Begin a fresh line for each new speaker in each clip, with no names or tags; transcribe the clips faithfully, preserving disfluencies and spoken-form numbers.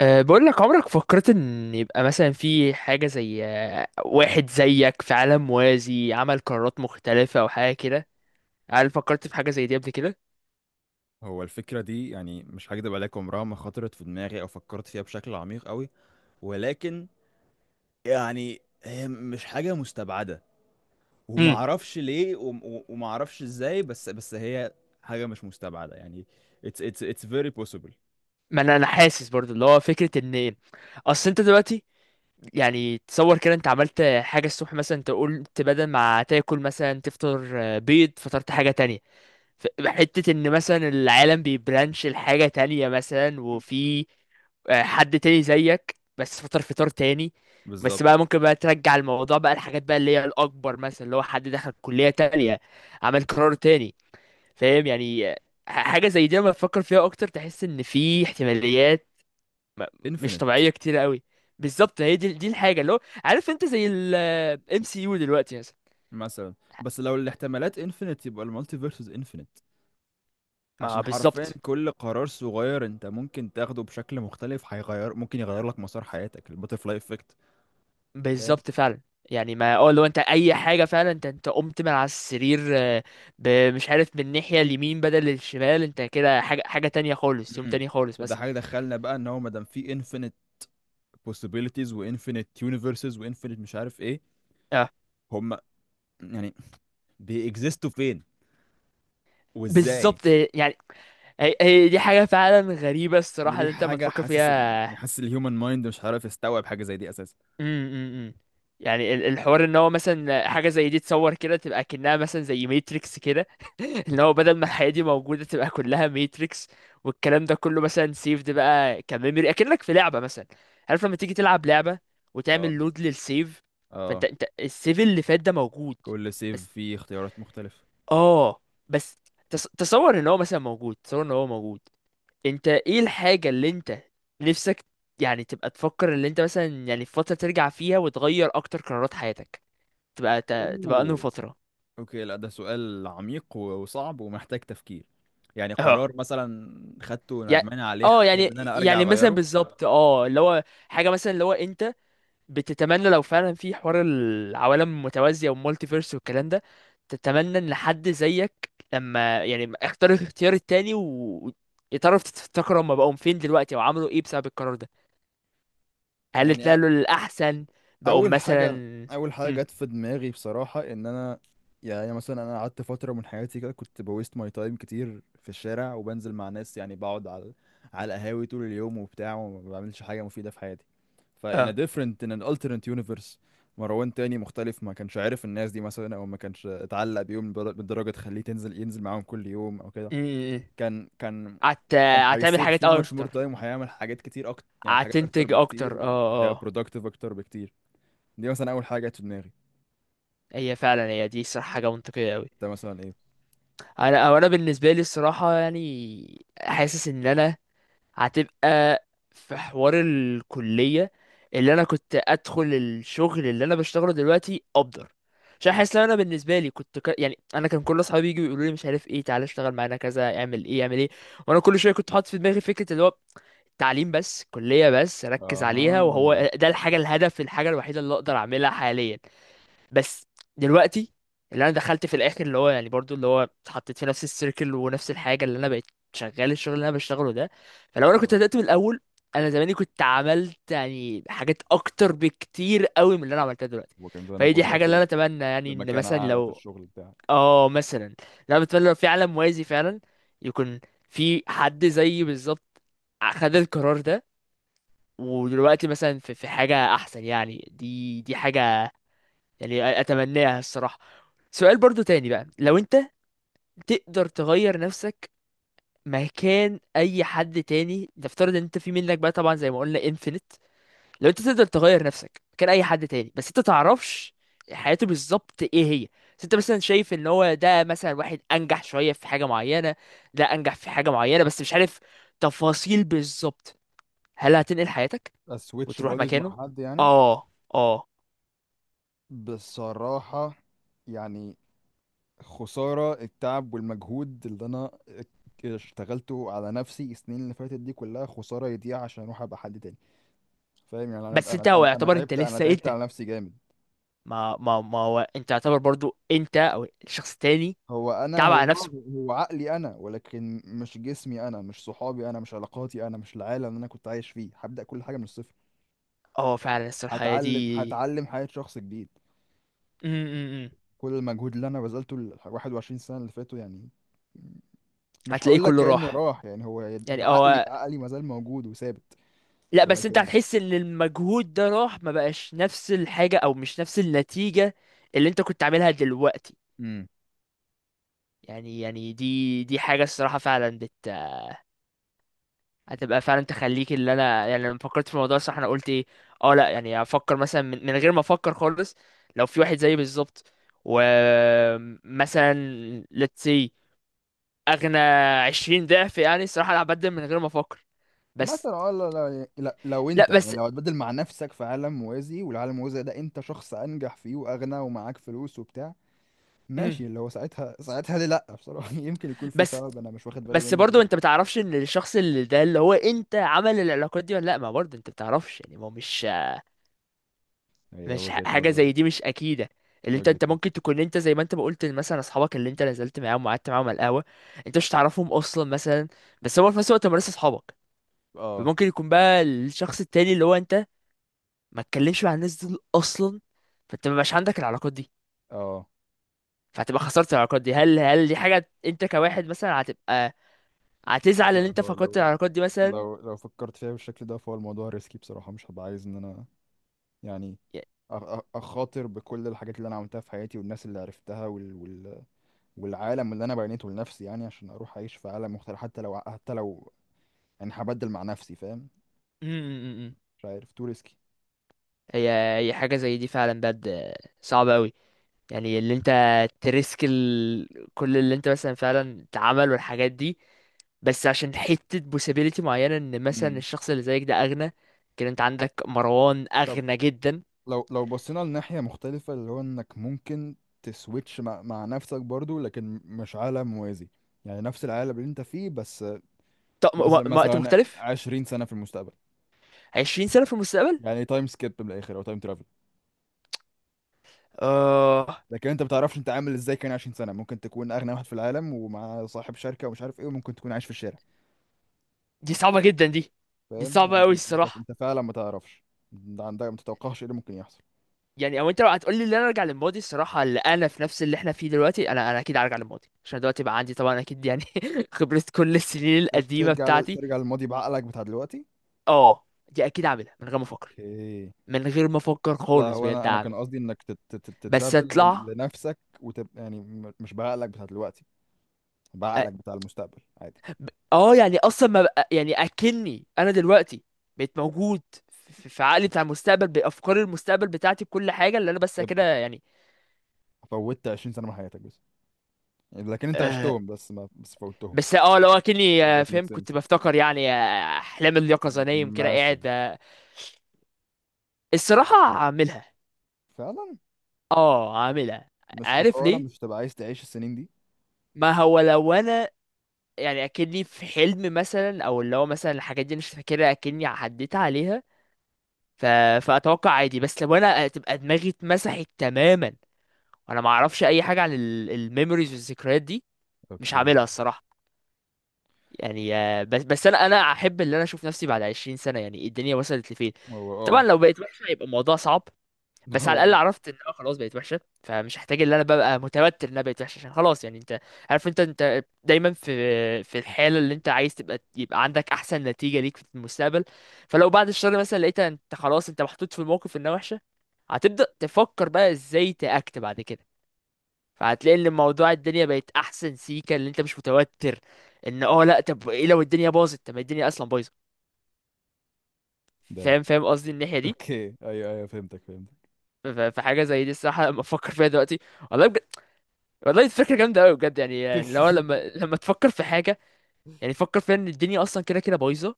أه بقول لك، عمرك فكرت ان يبقى مثلا في حاجة زي آه، واحد زيك في عالم موازي عمل قرارات مختلفة او حاجة كده؟ هل فكرت في حاجة زي دي قبل كده؟
هو الفكرة دي، يعني مش هكدب عليك، عمرها ما خطرت في دماغي أو فكرت فيها بشكل عميق أوي. ولكن يعني هي مش حاجة مستبعدة،
امم
ومعرفش ليه وم- و- ومعرفش إزاي. بس بس هي حاجة مش مستبعدة، يعني it's it's it's very possible.
ما انا انا حاسس برضو اللي هو فكرة ان ايه. اصل انت دلوقتي يعني تصور كده، انت عملت حاجة الصبح مثلا، انت قلت بدل ما تاكل مثلا تفطر آه، بيض، فطرت حاجة تانية. ف- حتة ان مثلا العالم بيبرانش لحاجة تانية مثلا، وفي آه، حد تاني زيك بس فطر فطار تاني. بس
بالظبط.
بقى ممكن بقى ترجع الموضوع بقى، الحاجات بقى اللي هي الأكبر، مثلا اللي هو حد دخل كلية تانية، عمل قرار تاني. فاهم يعني؟ آه، حاجة زي دي لما تفكر فيها أكتر تحس إن في احتماليات م- مش
Infinite.
طبيعية كتير قوي. بالظبط، هي دي دي الحاجة اللي هو، عارف أنت زي ال آه، إم سي يو دلوقتي مثلا.
مثلا. بس لو الاحتمالات infinite يبقى المالتيفيرس infinite،
ما
عشان حرفيا
بالظبط.
كل قرار صغير انت ممكن تاخده بشكل مختلف هيغير، ممكن يغير لك مسار حياتك، الباترفلاي افكت.
بالظبط فعلا. يعني ما اه، لو انت اي حاجه فعلا، انت انت قمت من على السرير آه، ب- مش عارف، من الناحيه اليمين بدل الشمال، انت كده حاجه حاجه تانية خالص، يوم
امم.
تاني خالص
وده
مثلا.
حاجه دخلنا بقى، ان هو ما دام في انفينيت possibilities وانفينيت يونيفرسز وانفينيت مش عارف ايه،
اه
هم يعني بيكزيستوا فين وازاي؟
بالظبط. يعني هي هي دي حاجه فعلا غريبه الصراحه
ودي
اللي انت ما
حاجه،
تفكر
حاسس ال... يعني
فيها.
حاسس الهيومن مايند مش عارف يستوعب حاجه زي دي اساسا.
امم امم امم. يعني ال- الحوار ان هو مثلا حاجه زي دي، تصور كده تبقى كأنها مثلا زي ماتريكس كده. ان هو بدل ما الحياه دي موجوده تبقى كلها ماتريكس، والكلام ده كله مثلا سيفد بقى كميموري، اكنك في لعبه مثلا. عارف لما تيجي تلعب لعبه وتعمل
اه،
لود للسيف، فانت،
اه.
انت السيف اللي فات ده موجود.
كل
بس
سيف فيه اختيارات مختلفه.
اه بس، تص- تصور ان هو مثلا موجود، تصور ان هو موجود. انت ايه الحاجة اللي انت نفسك يعني تبقى تفكر، اللي انت مثلا يعني في فترة ترجع فيها وتغير اكتر قرارات حياتك، تبقى ت- تبقى انهي
اوه.
فترة؟
اوكي، لا ده سؤال عميق و- وصعب ومحتاج تفكير. يعني
اه.
قرار مثلا خدته
يعني
ندمان عليه،
اه
هحب ان
يعني
انا ارجع
يعني مثلا
اغيره.
بالظبط، اه اللي هو حاجة مثلا اللي هو انت بتتمنى لو فعلا في حوار العوالم المتوازية والمالتي فيرس والكلام ده، تتمنى ان حد زيك لما يعني اختار الاختيار التاني ويتعرف، تفتكر هما بقوا فين دلوقتي او عملوا ايه بسبب القرار ده، هل طلع
يعني
له الأحسن؟ بقوم
اول
مثلا.
حاجه، اول حاجه
مم.
جت في دماغي بصراحه، ان انا يعني مثلا انا قعدت فتره من حياتي كده، كنت بويست ماي تايم كتير في الشارع، وبنزل مع ناس، يعني بقعد على على القهاوي طول اليوم وبتاع، وما بعملش حاجه مفيده في حياتي. ف in a
اه.
different, in an alternate universe مروان تاني مختلف، ما كانش عارف الناس دي مثلا، او ما كانش اتعلق بيهم بدر- بالدرجه تخليه تنزل، ينزل معاهم كل يوم او كده.
مم.
كان كان
هت...
كان
هتعمل
هيسيف
حاجات
so much more time،
أكتر،
وهيعمل حاجات كتير اكتر، يعني حاجات اكتر
هتنتج
بكتير،
أكتر. اه
وهيبقى
اه.
productive اكتر بكتير. دي مثلا اول حاجه جت في دماغي.
هي فعلا هي دي صراحة حاجة منطقية أوي.
ده مثلا ايه.
أنا، أو أنا بالنسبة لي الصراحة يعني حاسس إن أنا هتبقى في حوار الكلية اللي انا كنت ادخل الشغل اللي انا بشتغله دلوقتي افضل. عشان حاسس ان انا بالنسبه لي كنت ك... يعني انا كان كل اصحابي يجوا يقولوا لي مش عارف ايه، تعالى اشتغل معانا كذا، اعمل ايه، اعمل ايه. وانا كل شويه كنت حاطط في دماغي فكره اللي هو تعليم بس، كليه بس، ركز
اها.
عليها، وهو ده الحاجه، الهدف، الحاجه الوحيده اللي اقدر اعملها حاليا. بس دلوقتي اللي انا دخلت في الاخر اللي هو يعني برضو اللي هو اتحطيت في نفس السيركل ونفس الحاجه اللي انا بقيت شغال الشغل اللي انا بشتغله ده. فلو انا كنت
اه.
بدات من الاول، انا زماني كنت عملت يعني حاجات اكتر بكتير قوي من اللي انا عملتها دلوقتي.
وكان
فهي
زمانك
دي حاجه
وصلت
اللي انا
ل-
اتمنى، يعني ان
لمكانه
مثلا
اعلى في
لو
الشغل بتاعك.
اه، مثلا اللي انا بتمنى لو في عالم موازي فعلا يكون في حد زيي بالظبط خد القرار ده، ودلوقتي مثلا في في حاجه احسن. يعني دي دي حاجه يعني اتمناها الصراحة. سؤال برضو تاني بقى، لو انت تقدر تغير نفسك مكان اي حد تاني، نفترض ان انت، في منك بقى طبعا زي ما قلنا انفينيت، لو انت تقدر تغير نفسك مكان اي حد تاني بس انت تعرفش حياته بالظبط ايه هي، بس انت مثلا شايف ان هو ده مثلا واحد انجح شوية في حاجة معينة، ده انجح في حاجة معينة بس مش عارف تفاصيل بالظبط، هل هتنقل حياتك
اسويتش
وتروح
بوديز
مكانه؟
مع حد يعني؟
اه اه.
بصراحة يعني، خسارة التعب والمجهود اللي انا اشتغلته على نفسي السنين اللي فاتت دي كلها، خسارة يضيع عشان اروح ابقى حد تاني. فاهم يعني؟ انا
بس
انا
انت هو
انا أنا
يعتبر انت
تعبت، انا
لسه إيه؟
تعبت
انت،
على نفسي جامد.
ما ما ما هو انت تعتبر برضو انت او الشخص التاني
هو انا،
تعب
هو
على نفسه.
هو عقلي انا، ولكن مش جسمي انا، مش صحابي انا، مش علاقاتي انا، مش العالم اللي انا كنت عايش فيه. هبدأ كل حاجة من الصفر،
اه فعلا الصراحة هي
هتعلم،
دي.
هتعلم حياة شخص جديد.
م- م- م.
كل المجهود اللي انا بذلته ال واحد وعشرين سنة اللي فاتوا، يعني مش
هتلاقيه
هقول لك
كله
كأنه
راح.
راح، يعني هو ده
يعني
عقلي.
هو،
عقلي ما زال موجود وثابت،
لا بس انت
ولكن.
هتحس ان المجهود ده راح، ما بقاش نفس الحاجة او مش نفس النتيجة اللي انت كنت عاملها دلوقتي.
امم،
يعني يعني دي دي حاجة الصراحة فعلا هتبقى فعلا تخليك، اللي انا يعني لما فكرت في الموضوع، صح انا قلت ايه؟ اه لا يعني افكر مثلا من, من غير ما افكر خالص، لو في واحد زيي بالظبط ومثلا let's say اغنى عشرين ضعف، يعني الصراحه انا هبدل من غير ما افكر. بس
مثلا. اه، لا لا لا- لو
لا
انت يعني،
بس،
لو هتبدل مع نفسك في عالم موازي، والعالم الموازي ده انت شخص انجح فيه واغنى ومعاك فلوس وبتاع،
مم.
ماشي. اللي هو ساعتها ساعتها ليه لا؟ بصراحة يمكن يكون في
بس
سبب انا مش واخد بالي
بس
منه
برضو انت
دلوقتي.
بتعرفش ان الشخص اللي ده اللي هو انت عمل العلاقات دي ولا لا، ما برضو انت بتعرفش، يعني ما هو مش،
هي
مش ح-
وجهة
حاجه
نظر،
زي دي مش اكيده. اللي انت،
وجهة
انت
نظر.
ممكن تكون انت زي ما انت ما قلت، مثلا اصحابك اللي انت نزلت معاهم وقعدت معاهم على القهوه انت مش تعرفهم اصلا مثلا، بس هو في نفس الوقت هم لسه اصحابك.
اه،
فممكن يكون بقى الشخص التاني اللي هو انت ما تكلمش مع الناس دول اصلا، فانت ما بقاش عندك العلاقات دي،
اه.
فهتبقى خسرت العلاقات دي. هل هل دي حاجه انت كواحد مثلا هتبقى هتزعل ان
لا،
انت
هو
فقدت
لو،
العلاقات دي مثلا؟
لو لو فكرت فيها بالشكل ده فهو الموضوع ريسكي بصراحة، مش هبقى عايز ان انا يعني
ي-
أ- أ- اخاطر بكل الحاجات اللي انا عملتها في حياتي والناس اللي عرفتها وال... وال... والعالم اللي انا بنيته لنفسي، يعني عشان اروح اعيش في عالم مختلف، حتى لو، حتى لو يعني هبدل مع نفسي، فاهم؟
م- م- م- م.
مش عارف، تو ريسكي.
هي هي حاجه زي دي فعلا بجد صعبه قوي. يعني اللي انت تريسك ال... كل اللي انت مثلا فعلا اتعمل والحاجات دي، بس عشان حتة possibility معينة ان مثلا الشخص اللي زيك ده اغنى. كده انت عندك مروان اغنى جدا.
لو لو بصينا لناحية مختلفة، اللي هو انك ممكن تسويتش مع, مع نفسك برضو، لكن مش عالم موازي، يعني نفس العالم اللي انت فيه بس.
طب م- و-
مثلا
وقت
مثلا
مختلف؟
عشرين سنة في المستقبل،
عشرين سنة في المستقبل.
يعني تايم سكيب من الاخر، او تايم ترافل.
اه
لكن انت ما بتعرفش انت عامل ازاي. كان عشرين سنة ممكن تكون اغنى واحد في العالم ومع صاحب شركة ومش عارف ايه، وممكن تكون عايش في الشارع.
دي صعبة جدا دي. دي
فاهم
صعبة
يعني؟
قوي
انت
الصراحة.
انت فعلا ما تعرفش، انت عندك، ما تتوقعش ايه اللي ممكن يحصل.
يعني او انت لو هتقولي ان انا ارجع للماضي، الصراحة اللي انا في نفس اللي احنا فيه دلوقتي، انا، انا اكيد هرجع للماضي عشان دلوقتي بقى عندي طبعا اكيد يعني خبرة كل السنين
ت-
القديمة
ترجع لل-
بتاعتي.
ترجع للماضي بعقلك بتاع دلوقتي.
اه دي اكيد عاملها من غير ما افكر،
اوكي.
من غير ما افكر
لا
خالص،
هو
بجد
انا، انا
اعمل.
كان قصدي انك تت- تت-
بس
تترافل ل-
اطلع،
لنفسك، وتبقى يعني م- مش بعقلك بتاع دلوقتي،
أ-
بعقلك بتاع المستقبل عادي.
ب- اه يعني اصلا ما بقى يعني اكني انا دلوقتي بقيت موجود في في عقلي بتاع المستقبل، بافكار المستقبل بتاعتي، بكل حاجه اللي انا، بس كده
يبقى
يعني.
فوتت عشرين سنه من حياتك بس، يعني لكن انت
آه
عشتهم، بس ما بس فوتهم.
بس اه، لو اكني
If
آه،
that makes
فاهم، كنت
sense.
بفتكر يعني آه، احلام اليقظه، نايم كده
مثلا.
قاعد آه، الصراحه هعملها.
فعلا.
اه هعملها.
مش
عارف
خساره؟
ليه؟
مش تبقى عايز تعيش السنين دي؟
ما هو لو انا يعني اكني في حلم مثلا، او اللي هو مثلا الحاجات دي أنا مش فاكرها اكني عديت عليها، ف... فاتوقع عادي. بس لو انا تبقى دماغي اتمسحت تماما وانا ما اعرفش اي حاجه عن ال- الميموريز والذكريات دي، مش
اوكي.
هعملها الصراحه. يعني آه، بس بس انا انا احب ان انا اشوف نفسي بعد عشرين سنه يعني الدنيا وصلت لفين.
هو
طبعا
اه.
لو بقيت وحشه هيبقى الموضوع صعب، بس
هو
على الاقل
آه.
عرفت ان انا خلاص بقيت وحشه، فمش هحتاج ان انا ببقى متوتر ان انا بقيت وحشه، عشان خلاص يعني انت عارف، انت انت دايما في في الحاله اللي انت عايز تبقى يبقى عندك احسن نتيجه ليك في المستقبل. فلو بعد الشر مثلا لقيت انت خلاص انت محطوط في الموقف انها وحشه، هتبدا تفكر بقى ازاي تاكت بعد كده. فهتلاقي ان الموضوع، الدنيا بقت احسن سيكه اللي انت مش متوتر ان، اه لا طب ايه لو الدنيا باظت، طب ما الدنيا اصلا بايظه.
دايما.
فاهم فاهم قصدي الناحيه دي.
اوكي، ايوه، ايوه، فهمتك، فهمتك.
ف- فحاجه زي دي الصراحه لما افكر فيها دلوقتي، والله بجد، والله دي فكرة جامدة أوي بجد، يعني اللي هو لما لما تفكر في حاجة يعني فكر فيها إن الدنيا أصلا كده كده بايظة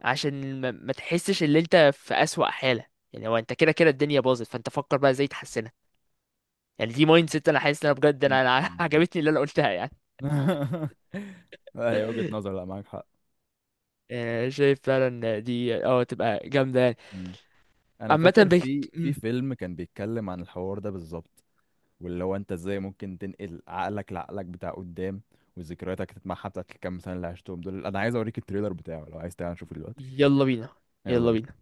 عشان ما, ما تحسش إن أنت في أسوأ حالة. يعني هو أنت كده كده الدنيا باظت، فأنت فكر بقى إزاي تحسنها. يعني دي مايند سيت أنا حاسس إن أنا بجد أنا أنا عجبتني اللي أنا قلتها يعني.
ايوه، وجهة نظر، لا معاك حق.
آه، شايف فعلا دي أه تبقى جامدة يعني.
انا
عامة
فاكر
بك...
في في
مم.
فيلم كان بيتكلم عن الحوار ده بالظبط، واللي هو انت ازاي ممكن تنقل عقلك لعقلك بتاع قدام، وذكرياتك تتمحى بتاعت الكام سنه اللي عشتهم دول. انا عايز اوريك التريلر بتاعه، لو عايز تعالى نشوفه دلوقتي.
يلا بينا.
يلا
يلا
بينا.
بينا.